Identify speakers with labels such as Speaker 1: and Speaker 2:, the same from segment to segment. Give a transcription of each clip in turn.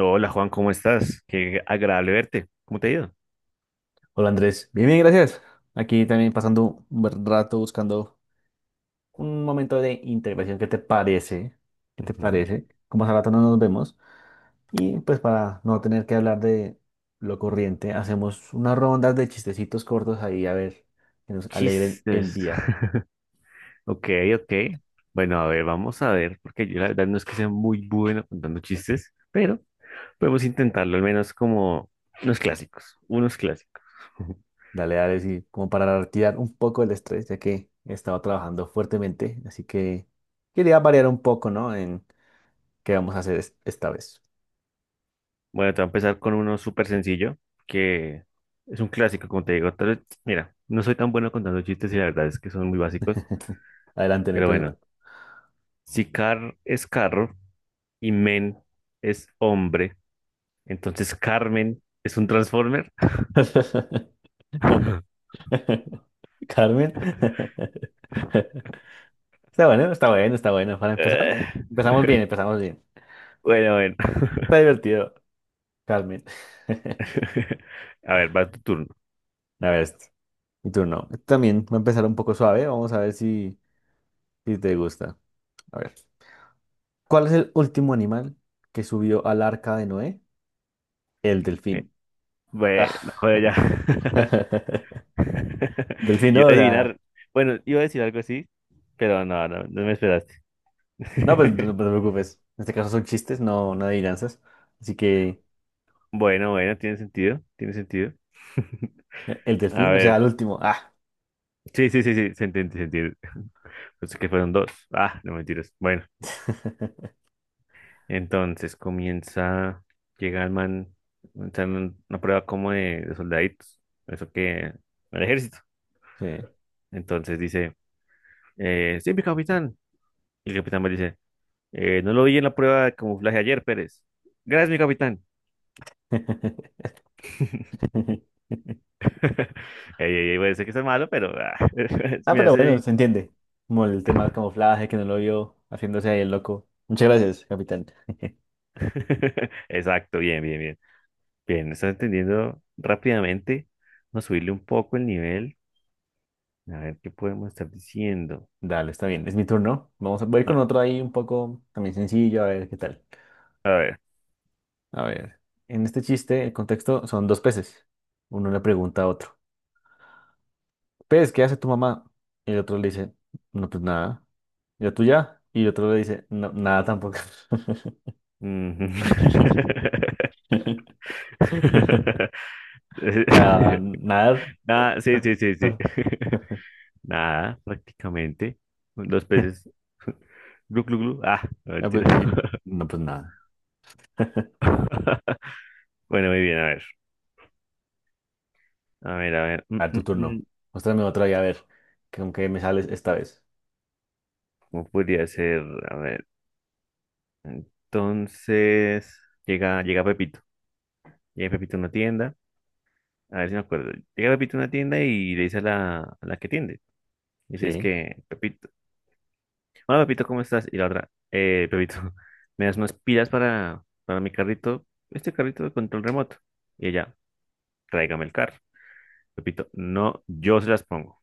Speaker 1: Hola Juan, ¿cómo estás? Qué agradable verte. ¿Cómo te ha ido?
Speaker 2: Hola Andrés, bien, bien, gracias. Aquí también pasando un buen rato buscando un momento de integración. ¿Qué te parece?
Speaker 1: Ujú.
Speaker 2: Como hace rato no nos vemos. Y pues para no tener que hablar de lo corriente, hacemos unas rondas de chistecitos cortos ahí a ver que nos alegren el
Speaker 1: Chistes.
Speaker 2: día.
Speaker 1: Ok, ok. Bueno, a ver, vamos a ver, porque yo la verdad no es que sea muy bueno contando chistes, pero podemos intentarlo, al menos como unos clásicos, unos clásicos.
Speaker 2: Dale, dale, sí, como para retirar un poco el estrés, ya que he estado trabajando fuertemente. Así que quería variar un poco, ¿no? En qué vamos a hacer esta vez.
Speaker 1: Bueno, te voy a empezar con uno súper sencillo, que es un clásico, como te digo. Tal vez- mira, no soy tan bueno contando chistes y la verdad es que son muy básicos,
Speaker 2: Adelante, no hay
Speaker 1: pero bueno,
Speaker 2: problema.
Speaker 1: si car es carro y men es hombre. Entonces Carmen es un Transformer.
Speaker 2: Carmen. Está bueno, está bueno, está bueno. Para empezar,
Speaker 1: Eh,
Speaker 2: empezamos bien, empezamos bien.
Speaker 1: bueno, bueno.
Speaker 2: Está divertido, Carmen.
Speaker 1: A ver, va tu turno.
Speaker 2: A ver, este, mi turno. este también va a empezar un poco suave. Vamos a ver si te gusta. A ver. ¿Cuál es el último animal que subió al arca de Noé? El
Speaker 1: Eh,
Speaker 2: delfín.
Speaker 1: bueno, no, joder, ya.
Speaker 2: Delfín,
Speaker 1: Yo iba
Speaker 2: ¿no?
Speaker 1: a
Speaker 2: O sea,
Speaker 1: adivinar. Bueno, iba a decir algo así, pero no me esperaste.
Speaker 2: no, pues no, no te preocupes. En este caso son chistes, no, no adivinanzas. Así que
Speaker 1: Bueno, bueno, tiene sentido, tiene sentido.
Speaker 2: el
Speaker 1: A
Speaker 2: delfín, o sea,
Speaker 1: ver,
Speaker 2: el último. Ah.
Speaker 1: sí, sí, sí, sí, se entiende, se entiende. Pensé que fueron dos. Ah, no mentiras. Bueno. Entonces comienza, llega el man, está en una prueba como de soldaditos, eso que, al ejército.
Speaker 2: Sí.
Speaker 1: Entonces dice, sí, mi capitán. Y el capitán me dice, no lo vi en la prueba de camuflaje ayer, Pérez. Gracias, mi capitán."
Speaker 2: Ujú.
Speaker 1: Ey, ey, ey, puede ser que sea malo, pero ah,
Speaker 2: Ah,
Speaker 1: mira,
Speaker 2: pero bueno,
Speaker 1: ese-
Speaker 2: se entiende. Como el tema del camuflaje que no lo vio haciéndose ahí el loco. Muchas gracias, capitán.
Speaker 1: exacto, bien, bien, bien. Bien, estás entendiendo rápidamente. Vamos a subirle un poco el nivel. A ver qué podemos estar diciendo.
Speaker 2: Dale, está bien. Es mi turno. Voy con
Speaker 1: Ah,
Speaker 2: otro ahí un poco también sencillo, a ver qué tal.
Speaker 1: a ver.
Speaker 2: A ver. En este chiste, el contexto son dos peces. Uno le pregunta a otro, pez, ¿qué hace tu mamá? Y el otro le dice, no, pues nada. ¿Y la tuya? Y el otro le dice, no, nada tampoco.
Speaker 1: Ujú. Eh,
Speaker 2: Ah, nadar.
Speaker 1: nada, sí, sí, sí, sí. Nada, prácticamente. Los peces. Glu, glu, glu. Ah, no,
Speaker 2: Ah, pues sí,
Speaker 1: mentira.
Speaker 2: no, pues nada.
Speaker 1: Bueno, muy bien, a ver. A ver, a ver.
Speaker 2: A ver, tu turno.
Speaker 1: Mm.
Speaker 2: Muéstrame otra y a ver con qué me sales esta vez.
Speaker 1: ¿Cómo podría ser? A ver. Entonces, llega Pepito. Llega Pepito a una tienda. A ver si me acuerdo. Llega Pepito a una tienda y le dice a la que tiende. Dice, es
Speaker 2: Sí,
Speaker 1: que, Pepito. Hola, Pepito, ¿cómo estás? Y la otra, Pepito, ¿me das unas pilas para mi carrito? Este carrito de control remoto. Y ella, tráigame el carro. Pepito, no, yo se las pongo.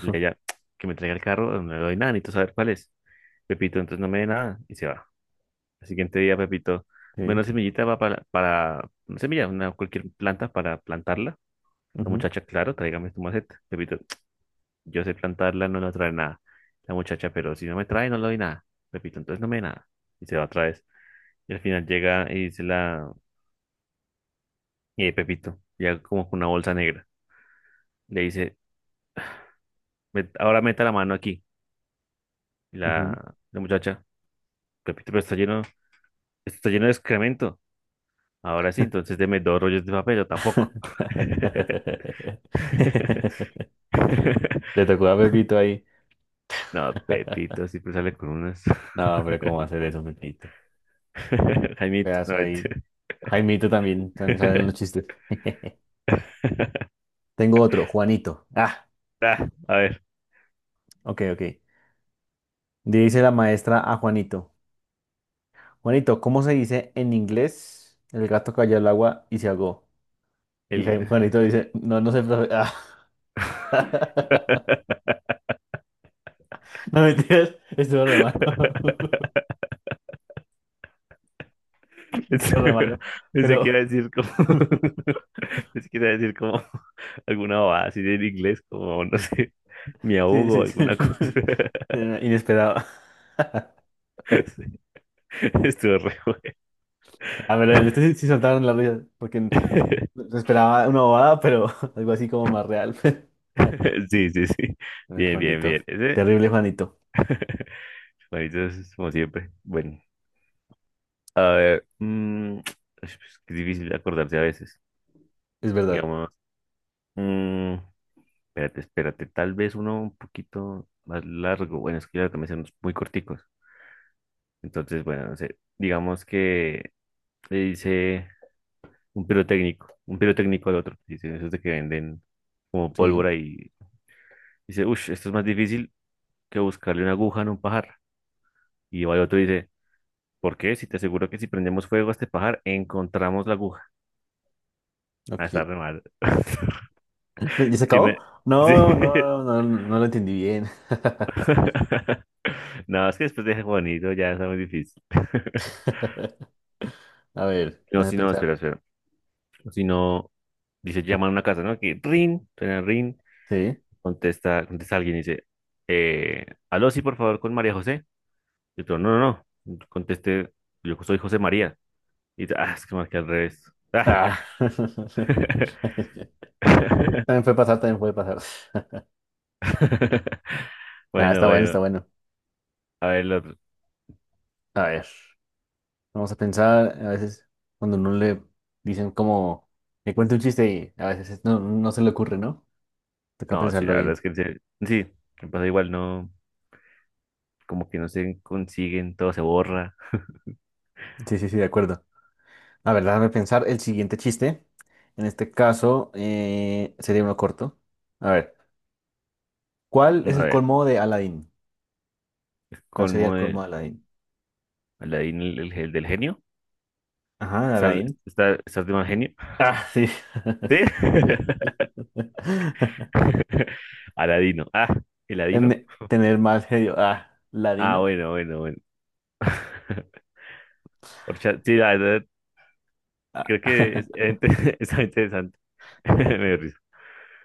Speaker 1: Y ella, que me traiga el carro, no le doy nada, necesito saber cuál es. Pepito, entonces no me dé nada. Y se va. El siguiente día, Pepito,
Speaker 2: sí.
Speaker 1: bueno, semillita va para una semilla, una, cualquier planta para plantarla. La
Speaker 2: ujú,
Speaker 1: muchacha, claro, tráigame tu maceta. Pepito, yo sé plantarla, no la trae nada. La muchacha, pero si no me trae, no le doy nada. Pepito, entonces no me dé nada. Y se va otra vez. Y al final llega y dice la... Y ahí Pepito, llega como con una bolsa negra. Le dice, "Met- ahora meta la mano aquí." Y
Speaker 2: ujú.
Speaker 1: la muchacha, Pepito, pero está lleno, esto está lleno de excremento. Ahora sí, entonces deme dos rollos de papel, yo tampoco.
Speaker 2: Le tocó a Pepito ahí.
Speaker 1: No, Pepito, siempre sale con unas.
Speaker 2: No, pero ¿cómo va a hacer eso, Pepito?
Speaker 1: Jaimito, no,
Speaker 2: Pedazo ahí.
Speaker 1: mentira.
Speaker 2: Jaimito también, también salen los chistes. Tengo otro, Juanito. Ah,
Speaker 1: Ah, a ver,
Speaker 2: ok, ok. Dice la maestra a Juanito. Juanito, ¿cómo se dice en inglés? El gato cayó al agua y se ahogó. Y
Speaker 1: el...
Speaker 2: Juanito dice, no, no sé, profe. Ah. No mentiras, estuvo re malo. Estuvo re malo.
Speaker 1: Pensé que iba
Speaker 2: Pero
Speaker 1: a decir como, pensé que iba a decir como alguna bobada así en inglés, como, no sé, me
Speaker 2: sí,
Speaker 1: ahogo,
Speaker 2: sí, sí.
Speaker 1: alguna cosa.
Speaker 2: Inesperado.
Speaker 1: Sí, estuvo re bueno.
Speaker 2: A ver, en este sí, sí saltaron las risas, porque se esperaba una bobada, pero algo así como más real.
Speaker 1: Sí, sí, sí.
Speaker 2: Ay,
Speaker 1: Bien, bien, bien.
Speaker 2: Juanito.
Speaker 1: Ese,
Speaker 2: Terrible Juanito.
Speaker 1: bonito como siempre. Bueno, a ver, mm, es que es difícil acordarse a veces.
Speaker 2: Es verdad.
Speaker 1: Digamos, mm, espérate, espérate, tal vez uno un poquito más largo. Bueno, es que ya también son muy corticos. Entonces, bueno, no sé, digamos que le dice un pirotécnico al otro, dice, esos de que venden como
Speaker 2: Sí,
Speaker 1: pólvora y dice, uff, esto es más difícil que buscarle una aguja en un pajar. Y va el otro y dice, ¿por qué? Si te aseguro que si prendemos fuego a este pajar, encontramos la aguja. Ah, está
Speaker 2: ok.
Speaker 1: re mal.
Speaker 2: ¿Ya se
Speaker 1: Es que me...
Speaker 2: acabó?
Speaker 1: sí.
Speaker 2: No, no, no, no, no lo entendí bien.
Speaker 1: No, es que después de bonito ya está muy difícil.
Speaker 2: A ver,
Speaker 1: No,
Speaker 2: déjame
Speaker 1: si no,
Speaker 2: pensar.
Speaker 1: espera. Si no, dice, llama a una casa, ¿no? Que ring, suena ring.
Speaker 2: Sí.
Speaker 1: Contesta alguien y dice, aló, sí, por favor, con María José. Y otro, no, no, no. Conteste, yo soy José María. Y dice, ah, es que marqué al revés. Ah.
Speaker 2: Ah. Sí, también fue pasar, también fue pasar. Ah,
Speaker 1: Bueno,
Speaker 2: está bueno,
Speaker 1: bueno,
Speaker 2: está bueno.
Speaker 1: a ver el otro.
Speaker 2: A ver, vamos a pensar, a veces cuando no le dicen como, me cuenta un chiste y a veces no se le ocurre, ¿no? Toca
Speaker 1: No, sí,
Speaker 2: pensarlo
Speaker 1: la verdad
Speaker 2: bien.
Speaker 1: es que en serio- sí, me pasa igual, no, como que no se consiguen, todo se borra.
Speaker 2: Sí, sí, sí, de acuerdo. A ver, déjame pensar el siguiente chiste. En este caso, sería uno corto. A ver, ¿cuál
Speaker 1: A
Speaker 2: es el
Speaker 1: ver,
Speaker 2: colmo de Aladdin? ¿Cuál sería
Speaker 1: colmo
Speaker 2: el colmo
Speaker 1: de
Speaker 2: de Aladdin?
Speaker 1: Aladín, el del genio.
Speaker 2: Ajá,
Speaker 1: ¿Estás,
Speaker 2: Aladdin.
Speaker 1: está- estás de mal genio?
Speaker 2: Ah, sí.
Speaker 1: ¿Sí? Aladino. Ah, ¿el Aladino?
Speaker 2: Tener mal genio. Ah,
Speaker 1: Ah,
Speaker 2: ladino.
Speaker 1: bueno, bueno, bueno. Orcha- sí, la verdad,
Speaker 2: Ah.
Speaker 1: creo que es, ente- está interesante. Me dio risa.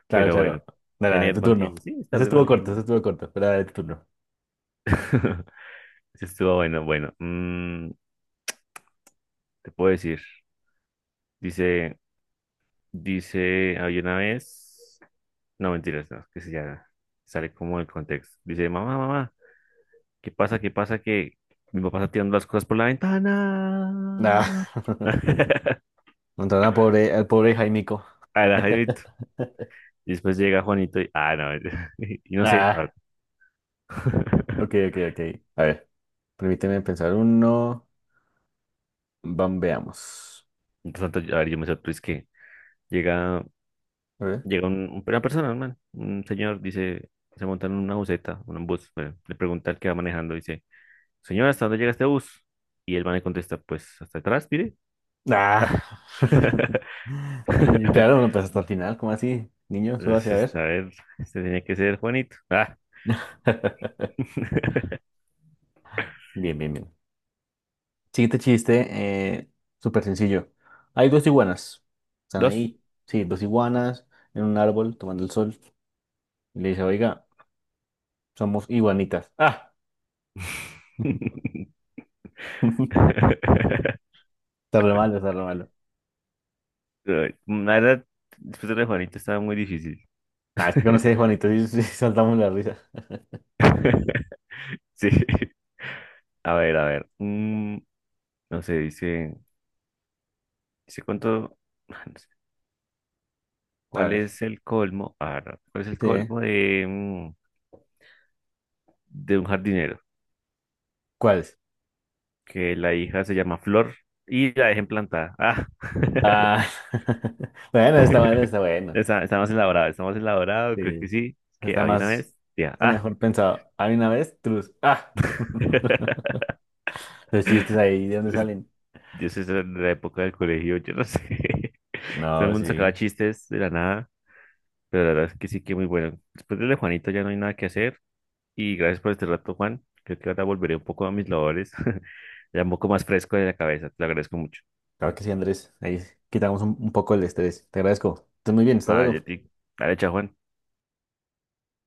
Speaker 2: Claro,
Speaker 1: Pero bueno,
Speaker 2: claro. Dale, dale,
Speaker 1: tener
Speaker 2: tu
Speaker 1: mal
Speaker 2: turno.
Speaker 1: genio. Sí,
Speaker 2: Ese
Speaker 1: estar de
Speaker 2: estuvo
Speaker 1: mal
Speaker 2: corto,
Speaker 1: genio.
Speaker 2: ese estuvo corto. Pero dale, tu turno.
Speaker 1: Eso estuvo bueno. Bueno, mm, te puedo decir. Dice, dice, había una vez. No, mentiras, no, que se ya sale como el contexto. Dice, mamá, mamá, ¿qué pasa? ¿Qué pasa? Que mi papá está tirando las cosas por la ventana.
Speaker 2: Ah, entonces, al pobre Jaimico.
Speaker 1: A la Jaimito. Y después llega Juanito y, ah, no, y no sé. Ah.
Speaker 2: Ah, ok, ok, ok. A ver, permíteme pensar uno. Bam, veamos.
Speaker 1: Mientras tanto, a ver, yo me sorprendí, es que llega,
Speaker 2: A ver.
Speaker 1: llega una persona, un man, un señor, dice, se monta en una buseta, en un bus, bueno, le pregunta al que va manejando, dice, señora, ¿hasta dónde llega este bus? Y el man le contesta, pues, hasta atrás, mire.
Speaker 2: Ah. Y claro, no pensé hasta el final, ¿cómo así? Niño, súbase a
Speaker 1: Entonces, a
Speaker 2: ver.
Speaker 1: ver, este tenía que ser Juanito. Ah,
Speaker 2: Bien, bien, bien. Siguiente chiste, eh, súper sencillo. Hay dos iguanas. Están
Speaker 1: dos.
Speaker 2: ahí, sí, dos iguanas en un árbol tomando el sol. Y le dice, oiga, somos iguanitas. Ah, está re malo, está re malo.
Speaker 1: Ay, la verdad, después de lo de Juanito estaba muy difícil.
Speaker 2: Ah, es que conocí a Juanito y sí, sí, saltamos la risa.
Speaker 1: Sí. A ver, a ver. No sé, dice cuánto, no sé,
Speaker 2: A
Speaker 1: ¿cuál
Speaker 2: ver,
Speaker 1: es el colmo? Ah, no, ¿cuál es el
Speaker 2: sí.
Speaker 1: colmo de, mm, de un jardinero?
Speaker 2: ¿Cuáles?
Speaker 1: Que la hija se llama Flor y la dejen plantada. Ah,
Speaker 2: Ah, bueno, está bueno, está bueno.
Speaker 1: está, está más elaborado, creo
Speaker 2: Sí,
Speaker 1: que sí, que
Speaker 2: está
Speaker 1: había una
Speaker 2: más,
Speaker 1: vez, ya,
Speaker 2: está
Speaker 1: ah,
Speaker 2: mejor pensado. Hay una vez, trus. Ah, los chistes ahí, ¿de dónde
Speaker 1: es-
Speaker 2: salen?
Speaker 1: yo sé, esa era la época del colegio, yo no sé,
Speaker 2: No,
Speaker 1: todo el mundo
Speaker 2: sí,
Speaker 1: sacaba chistes de la nada, pero la verdad es que sí que muy bueno. Después de lo de Juanito ya no hay nada que hacer. Y gracias por este rato, Juan. Creo que ahora volveré un poco a mis labores, ya un poco más fresco de la cabeza. Te lo agradezco mucho.
Speaker 2: claro que sí, Andrés. Ahí quitamos un poco el estrés. Te agradezco. Estás muy bien, hasta
Speaker 1: Ah,
Speaker 2: luego.
Speaker 1: Yeti. Dale, chao, Juan.